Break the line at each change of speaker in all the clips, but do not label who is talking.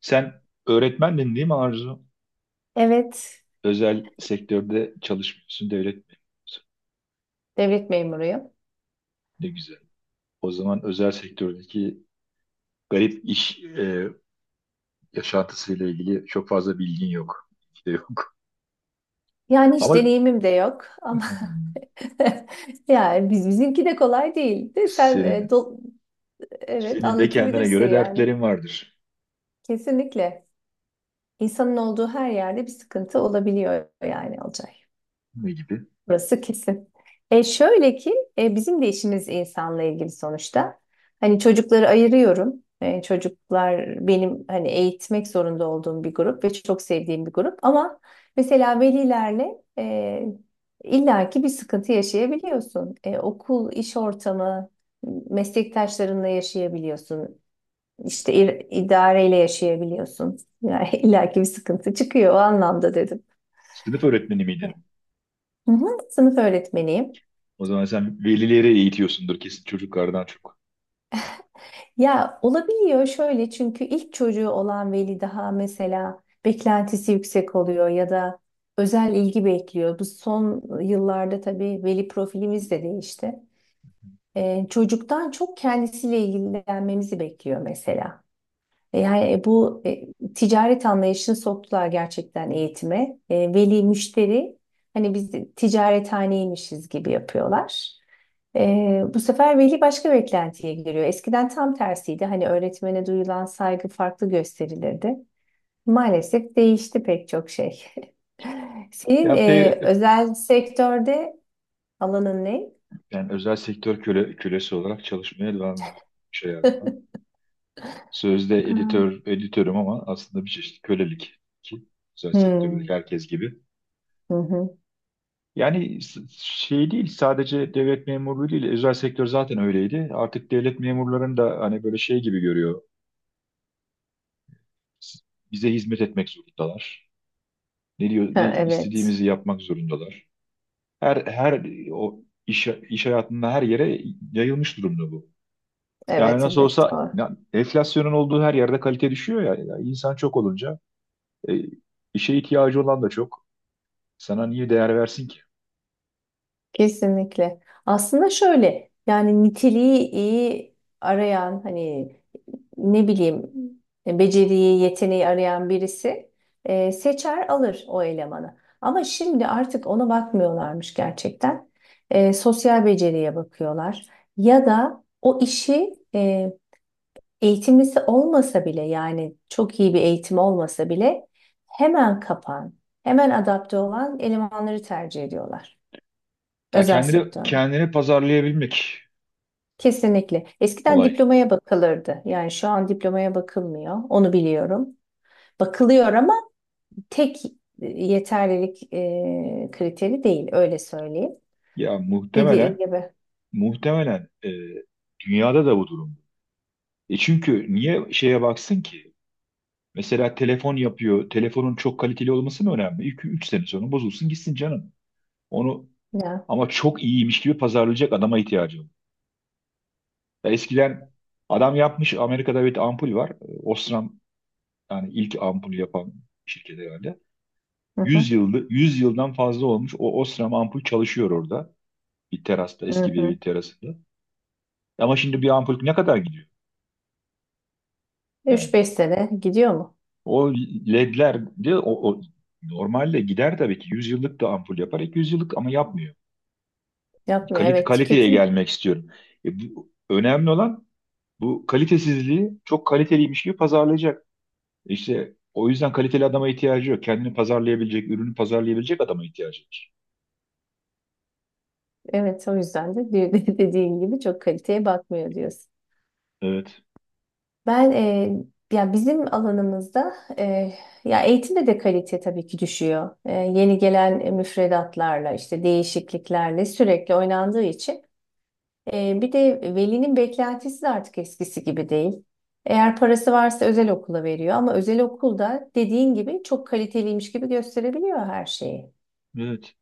Sen öğretmendin değil mi, Arzu?
Evet,
Özel sektörde çalışmıyorsun, devlet öğretmeniyorsun.
devlet memuruyum.
Ne güzel. O zaman özel sektördeki garip yaşantısıyla ilgili çok fazla bilgin yok. İşte yok.
Yani hiç
Ama
deneyimim de yok ama
hmm,
yani bizimki de kolay değil. De sen
senin
evet
senin de kendine
anlatabilirsin
göre
yani.
dertlerin vardır.
Kesinlikle. İnsanın olduğu her yerde bir sıkıntı olabiliyor yani olacak.
Ne gibi?
Burası kesin. Şöyle ki bizim de işimiz insanla ilgili sonuçta. Hani çocukları ayırıyorum. Çocuklar benim hani eğitmek zorunda olduğum bir grup ve çok sevdiğim bir grup. Ama mesela velilerle illaki bir sıkıntı yaşayabiliyorsun. Okul, iş ortamı, meslektaşlarınla yaşayabiliyorsun. İşte idareyle yaşayabiliyorsun. Yani illaki bir sıkıntı çıkıyor o anlamda dedim.
Sınıf öğretmeni
E,
miydin?
Hı hı, sınıf öğretmeniyim.
O zaman sen velileri eğitiyorsundur kesin, çocuklardan çok.
Ya olabiliyor şöyle çünkü ilk çocuğu olan veli daha mesela beklentisi yüksek oluyor ya da özel ilgi bekliyor. Bu son yıllarda tabii veli profilimiz de değişti. Çocuktan çok kendisiyle ilgilenmemizi bekliyor mesela. Yani bu ticaret anlayışını soktular gerçekten eğitime. Veli müşteri, hani biz de ticarethaneymişiz gibi yapıyorlar. Bu sefer veli başka beklentiye giriyor. Eskiden tam tersiydi. Hani öğretmene duyulan saygı farklı gösterilirdi. Maalesef değişti pek çok şey. Senin
Ya pe
özel sektörde alanın ne?
Yani özel sektör kölesi olarak çalışmaya devam ediyorum. Şey yani. Sözde
Aa.
editörüm ama aslında bir çeşit kölelik, ki özel sektördeki
Hmm.
herkes gibi.
Hı hı.
Yani şey değil, sadece devlet memurluğu değil, özel sektör zaten öyleydi. Artık devlet memurlarını da hani böyle şey gibi görüyor. S- Bize hizmet etmek zorundalar. Ne diyor, ne
Ha, evet.
istediğimizi yapmak zorundalar. Her her o iş iş hayatında her yere yayılmış durumda bu. Yani
Evet,
nasıl
evet.
olsa
Doğru.
ya, enflasyonun olduğu her yerde kalite düşüyor ya. Ya insan çok olunca e, işe ihtiyacı olan da çok. Sana niye değer versin ki?
Kesinlikle. Aslında şöyle yani niteliği iyi arayan, hani ne bileyim, beceriyi, yeteneği arayan birisi seçer alır o elemanı. Ama şimdi artık ona bakmıyorlarmış gerçekten. Sosyal beceriye bakıyorlar. Ya da o işi eğitimlisi olmasa bile, yani çok iyi bir eğitim olmasa bile, hemen kapan, hemen adapte olan elemanları tercih ediyorlar
Ya
özel
kendini
sektörde.
kendini pazarlayabilmek
Kesinlikle. Eskiden
olay.
diplomaya bakılırdı. Yani şu an diplomaya bakılmıyor. Onu biliyorum. Bakılıyor ama tek yeterlilik kriteri değil. Öyle söyleyeyim.
Ya muhtemelen
Dediğin gibi.
muhtemelen e, dünyada da bu durum. Çünkü niye şeye baksın ki? Mesela telefon yapıyor. Telefonun çok kaliteli olması mı önemli? 2 üç sene sonra bozulsun gitsin canım. Onu
Ya.
ama çok iyiymiş gibi pazarlayacak adama ihtiyacı var. Ya eskiden adam yapmış, Amerika'da bir ampul var. Osram, yani ilk ampul yapan şirket herhalde.
Hı hı.
100 yıldan fazla olmuş. O Osram ampul çalışıyor orada, eski
Hı
bir
hı.
evin terasında. Ama şimdi bir ampul ne kadar gidiyor? Yani
3-5 sene gidiyor mu?
o ledler de o normalde gider tabii ki, 100 yıllık da ampul yapar, 200 yıllık, ama yapmıyor. Yani
Yapmıyor. Evet,
Kaliteye
tüketim.
gelmek istiyorum. Önemli olan bu kalitesizliği çok kaliteliymiş gibi pazarlayacak. İşte o yüzden kaliteli adama ihtiyacı yok. Kendini pazarlayabilecek, ürünü pazarlayabilecek adama ihtiyacı var.
Evet, o yüzden de dediğin gibi çok kaliteye bakmıyor diyorsun.
Evet,
Ben ya bizim alanımızda ya eğitimde de kalite tabii ki düşüyor. Yeni gelen müfredatlarla, işte değişikliklerle sürekli oynandığı için, bir de velinin beklentisi de artık eskisi gibi değil. Eğer parası varsa özel okula veriyor, ama özel okulda dediğin gibi çok kaliteliymiş gibi gösterebiliyor her şeyi.
evet.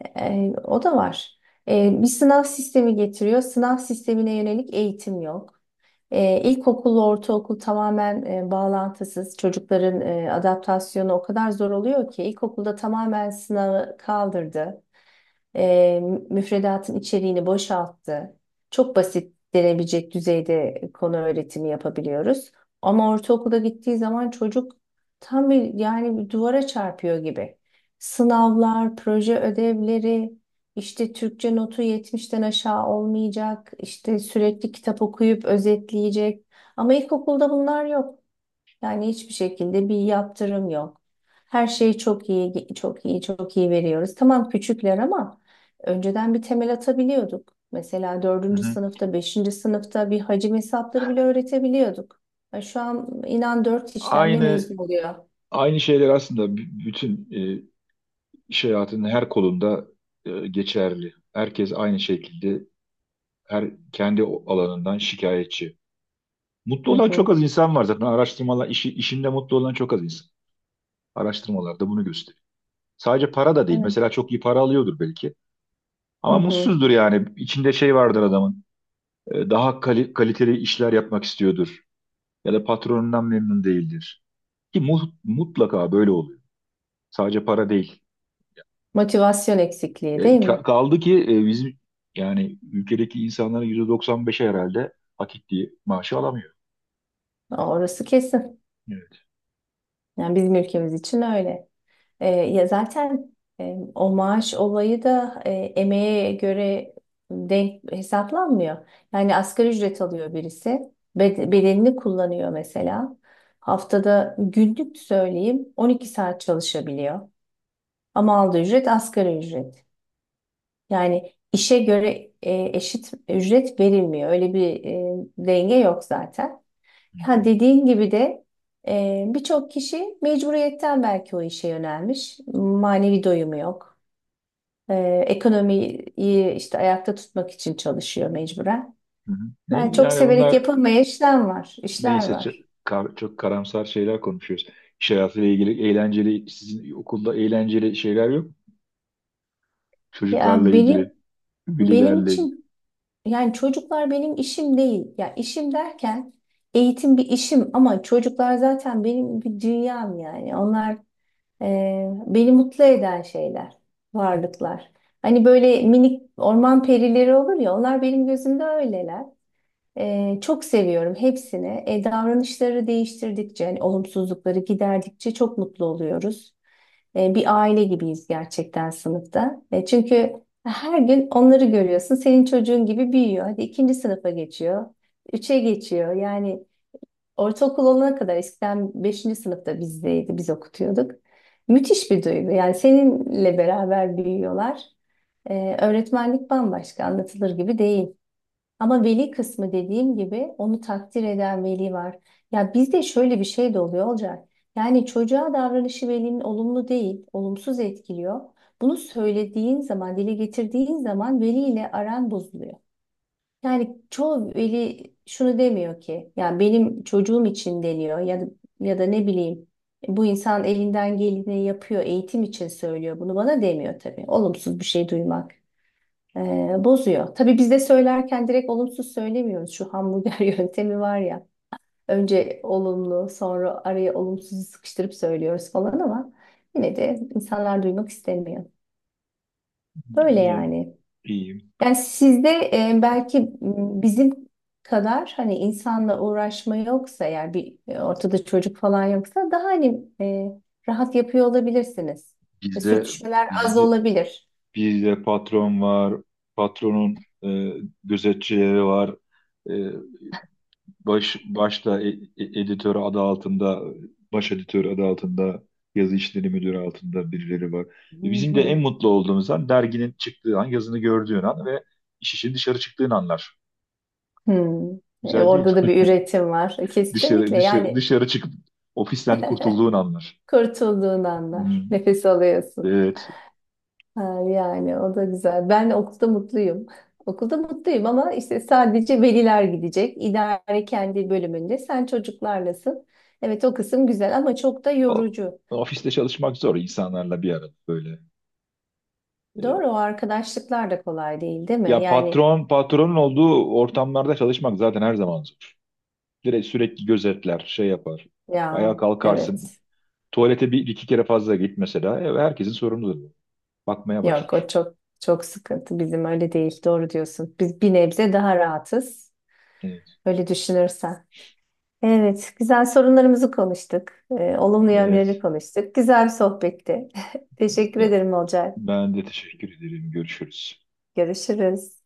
O da var. Bir sınav sistemi getiriyor. Sınav sistemine yönelik eğitim yok. İlkokul, ortaokul tamamen bağlantısız. Çocukların adaptasyonu o kadar zor oluyor ki ilkokulda tamamen sınavı kaldırdı. E, Müfredatın içeriğini boşalttı. Çok basit denebilecek düzeyde konu öğretimi yapabiliyoruz. Ama ortaokula gittiği zaman çocuk tam bir, yani bir duvara çarpıyor gibi. Sınavlar, proje ödevleri, işte Türkçe notu yetmişten aşağı olmayacak, işte sürekli kitap okuyup özetleyecek. Ama ilkokulda bunlar yok. Yani hiçbir şekilde bir yaptırım yok. Her şeyi çok iyi, çok iyi, çok iyi veriyoruz. Tamam küçükler, ama önceden bir temel atabiliyorduk. Mesela
Hı
dördüncü
hı.
sınıfta, beşinci sınıfta bir hacim hesapları bile öğretebiliyorduk. Ya şu an inan dört işlemle
Aynı
mezun oluyor.
aynı şeyler aslında bütün İş hayatının her kolunda geçerli. Herkes aynı şekilde her kendi alanından şikayetçi. Mutlu
Hı
olan
hı.
çok az insan var zaten. Araştırmalar, işinde mutlu olan çok az insan. Araştırmalar da bunu gösteriyor. Sadece para da değil.
Evet.
Mesela çok iyi para alıyordur belki.
Hı
Ama
hı.
mutsuzdur yani. İçinde şey vardır adamın. Daha kaliteli işler yapmak istiyordur. Ya da patronundan memnun değildir. Ki mutlaka böyle oluyor. Sadece para değil.
Motivasyon eksikliği değil mi?
Kaldı ki bizim, yani ülkedeki insanların %95'i herhalde hak ettiği maaşı alamıyor.
Orası kesin.
Evet.
Yani bizim ülkemiz için öyle. Ya zaten o maaş olayı da emeğe göre denk hesaplanmıyor. Yani asgari ücret alıyor birisi, bedenini kullanıyor mesela. Haftada günlük söyleyeyim 12 saat çalışabiliyor. Ama aldığı ücret asgari ücret. Yani işe göre eşit ücret verilmiyor. Öyle bir denge yok zaten.
Hı hı.
Ya dediğin gibi de birçok kişi mecburiyetten belki o işe yönelmiş. Manevi doyumu yok. E, Ekonomiyi işte ayakta tutmak için çalışıyor mecburen.
Hı hı.
Yani
Ne,
çok
yani
severek
bunlar
yapılmayan işler var, işler
neyse,
var.
çok karamsar şeyler konuşuyoruz. İş hayatıyla ilgili eğlenceli, sizin okulda eğlenceli şeyler yok mu? Çocuklarla
Ya
ilgili,
benim
velilerle ilgili.
için yani çocuklar benim işim değil. Ya işim derken eğitim bir işim, ama çocuklar zaten benim bir dünyam yani. Onlar, beni mutlu eden şeyler, varlıklar. Hani böyle minik orman perileri olur ya, onlar benim gözümde öyleler. Çok seviyorum hepsini. Davranışları değiştirdikçe, hani olumsuzlukları giderdikçe çok mutlu oluyoruz. Bir aile gibiyiz gerçekten sınıfta. Çünkü her gün onları görüyorsun. Senin çocuğun gibi büyüyor. Hadi ikinci sınıfa geçiyor. Üçe geçiyor. Yani ortaokul olana kadar, eskiden beşinci sınıfta bizdeydi, biz okutuyorduk. Müthiş bir duygu. Yani seninle beraber büyüyorlar. Öğretmenlik bambaşka, anlatılır gibi değil. Ama veli kısmı dediğim gibi, onu takdir eden veli var. Ya bizde şöyle bir şey de oluyor, olacak. Yani çocuğa davranışı velinin olumlu değil, olumsuz etkiliyor. Bunu söylediğin zaman, dile getirdiğin zaman veliyle aran bozuluyor. Yani çoğu veli şunu demiyor ki ya benim çocuğum için deniyor, ya da, ya da ne bileyim bu insan elinden geleni yapıyor eğitim için söylüyor, bunu bana demiyor tabii. Olumsuz bir şey duymak bozuyor. Tabii biz de söylerken direkt olumsuz söylemiyoruz. Şu hamburger yöntemi var ya, önce olumlu sonra araya olumsuzu sıkıştırıp söylüyoruz falan, ama yine de insanlar duymak istemiyor. Böyle
İyi,
yani.
iyiyim.
Yani sizde belki bizim kadar hani insanla uğraşma yoksa, eğer bir ortada çocuk falan yoksa, daha hani rahat yapıyor olabilirsiniz.
Bizde,
Sürtüşmeler az
bizde,
olabilir.
bizde patron var, patronun gözetçileri var. E, başta editör adı altında, baş editör adı altında, yazı işleri müdürü altında birileri var.
Hı
Bizim de en
hı.
mutlu olduğumuz an derginin çıktığı an, yazını gördüğün an ve işin dışarı çıktığın anlar.
Hmm.
Güzel değil
Orada da
mi?
bir üretim var.
Dışarı
Kesinlikle
dışarı
yani
dışarı çıkıp ofisten kurtulduğun anlar.
kurtulduğun anlar.
Hmm,
Nefes alıyorsun.
evet.
Ha, yani o da güzel. Ben okulda mutluyum. Okulda mutluyum, ama işte sadece veliler gidecek. İdare kendi bölümünde. Sen çocuklarlasın. Evet, o kısım güzel ama çok da
O-
yorucu.
Ofiste çalışmak zor, insanlarla bir arada böyle. E,
Doğru, o arkadaşlıklar da kolay değil, değil mi?
Ya
Yani
patron, patronun olduğu ortamlarda çalışmak zaten her zaman zor. Direkt sürekli gözetler, şey yapar. Ayağa
ya
kalkarsın.
evet.
Tuvalete bir, iki kere fazla git mesela. Herkesin sorumluluğu. Bakmaya
Yok, o
başlar.
çok çok sıkıntı. Bizim öyle değil. Doğru diyorsun. Biz bir nebze daha rahatız.
Evet.
Öyle düşünürsen. Evet, güzel sorunlarımızı konuştuk. Olumlu yönlerini
Evet.
konuştuk. Güzel bir sohbetti. Teşekkür ederim Olcay.
Ben de teşekkür ederim. Görüşürüz.
Görüşürüz.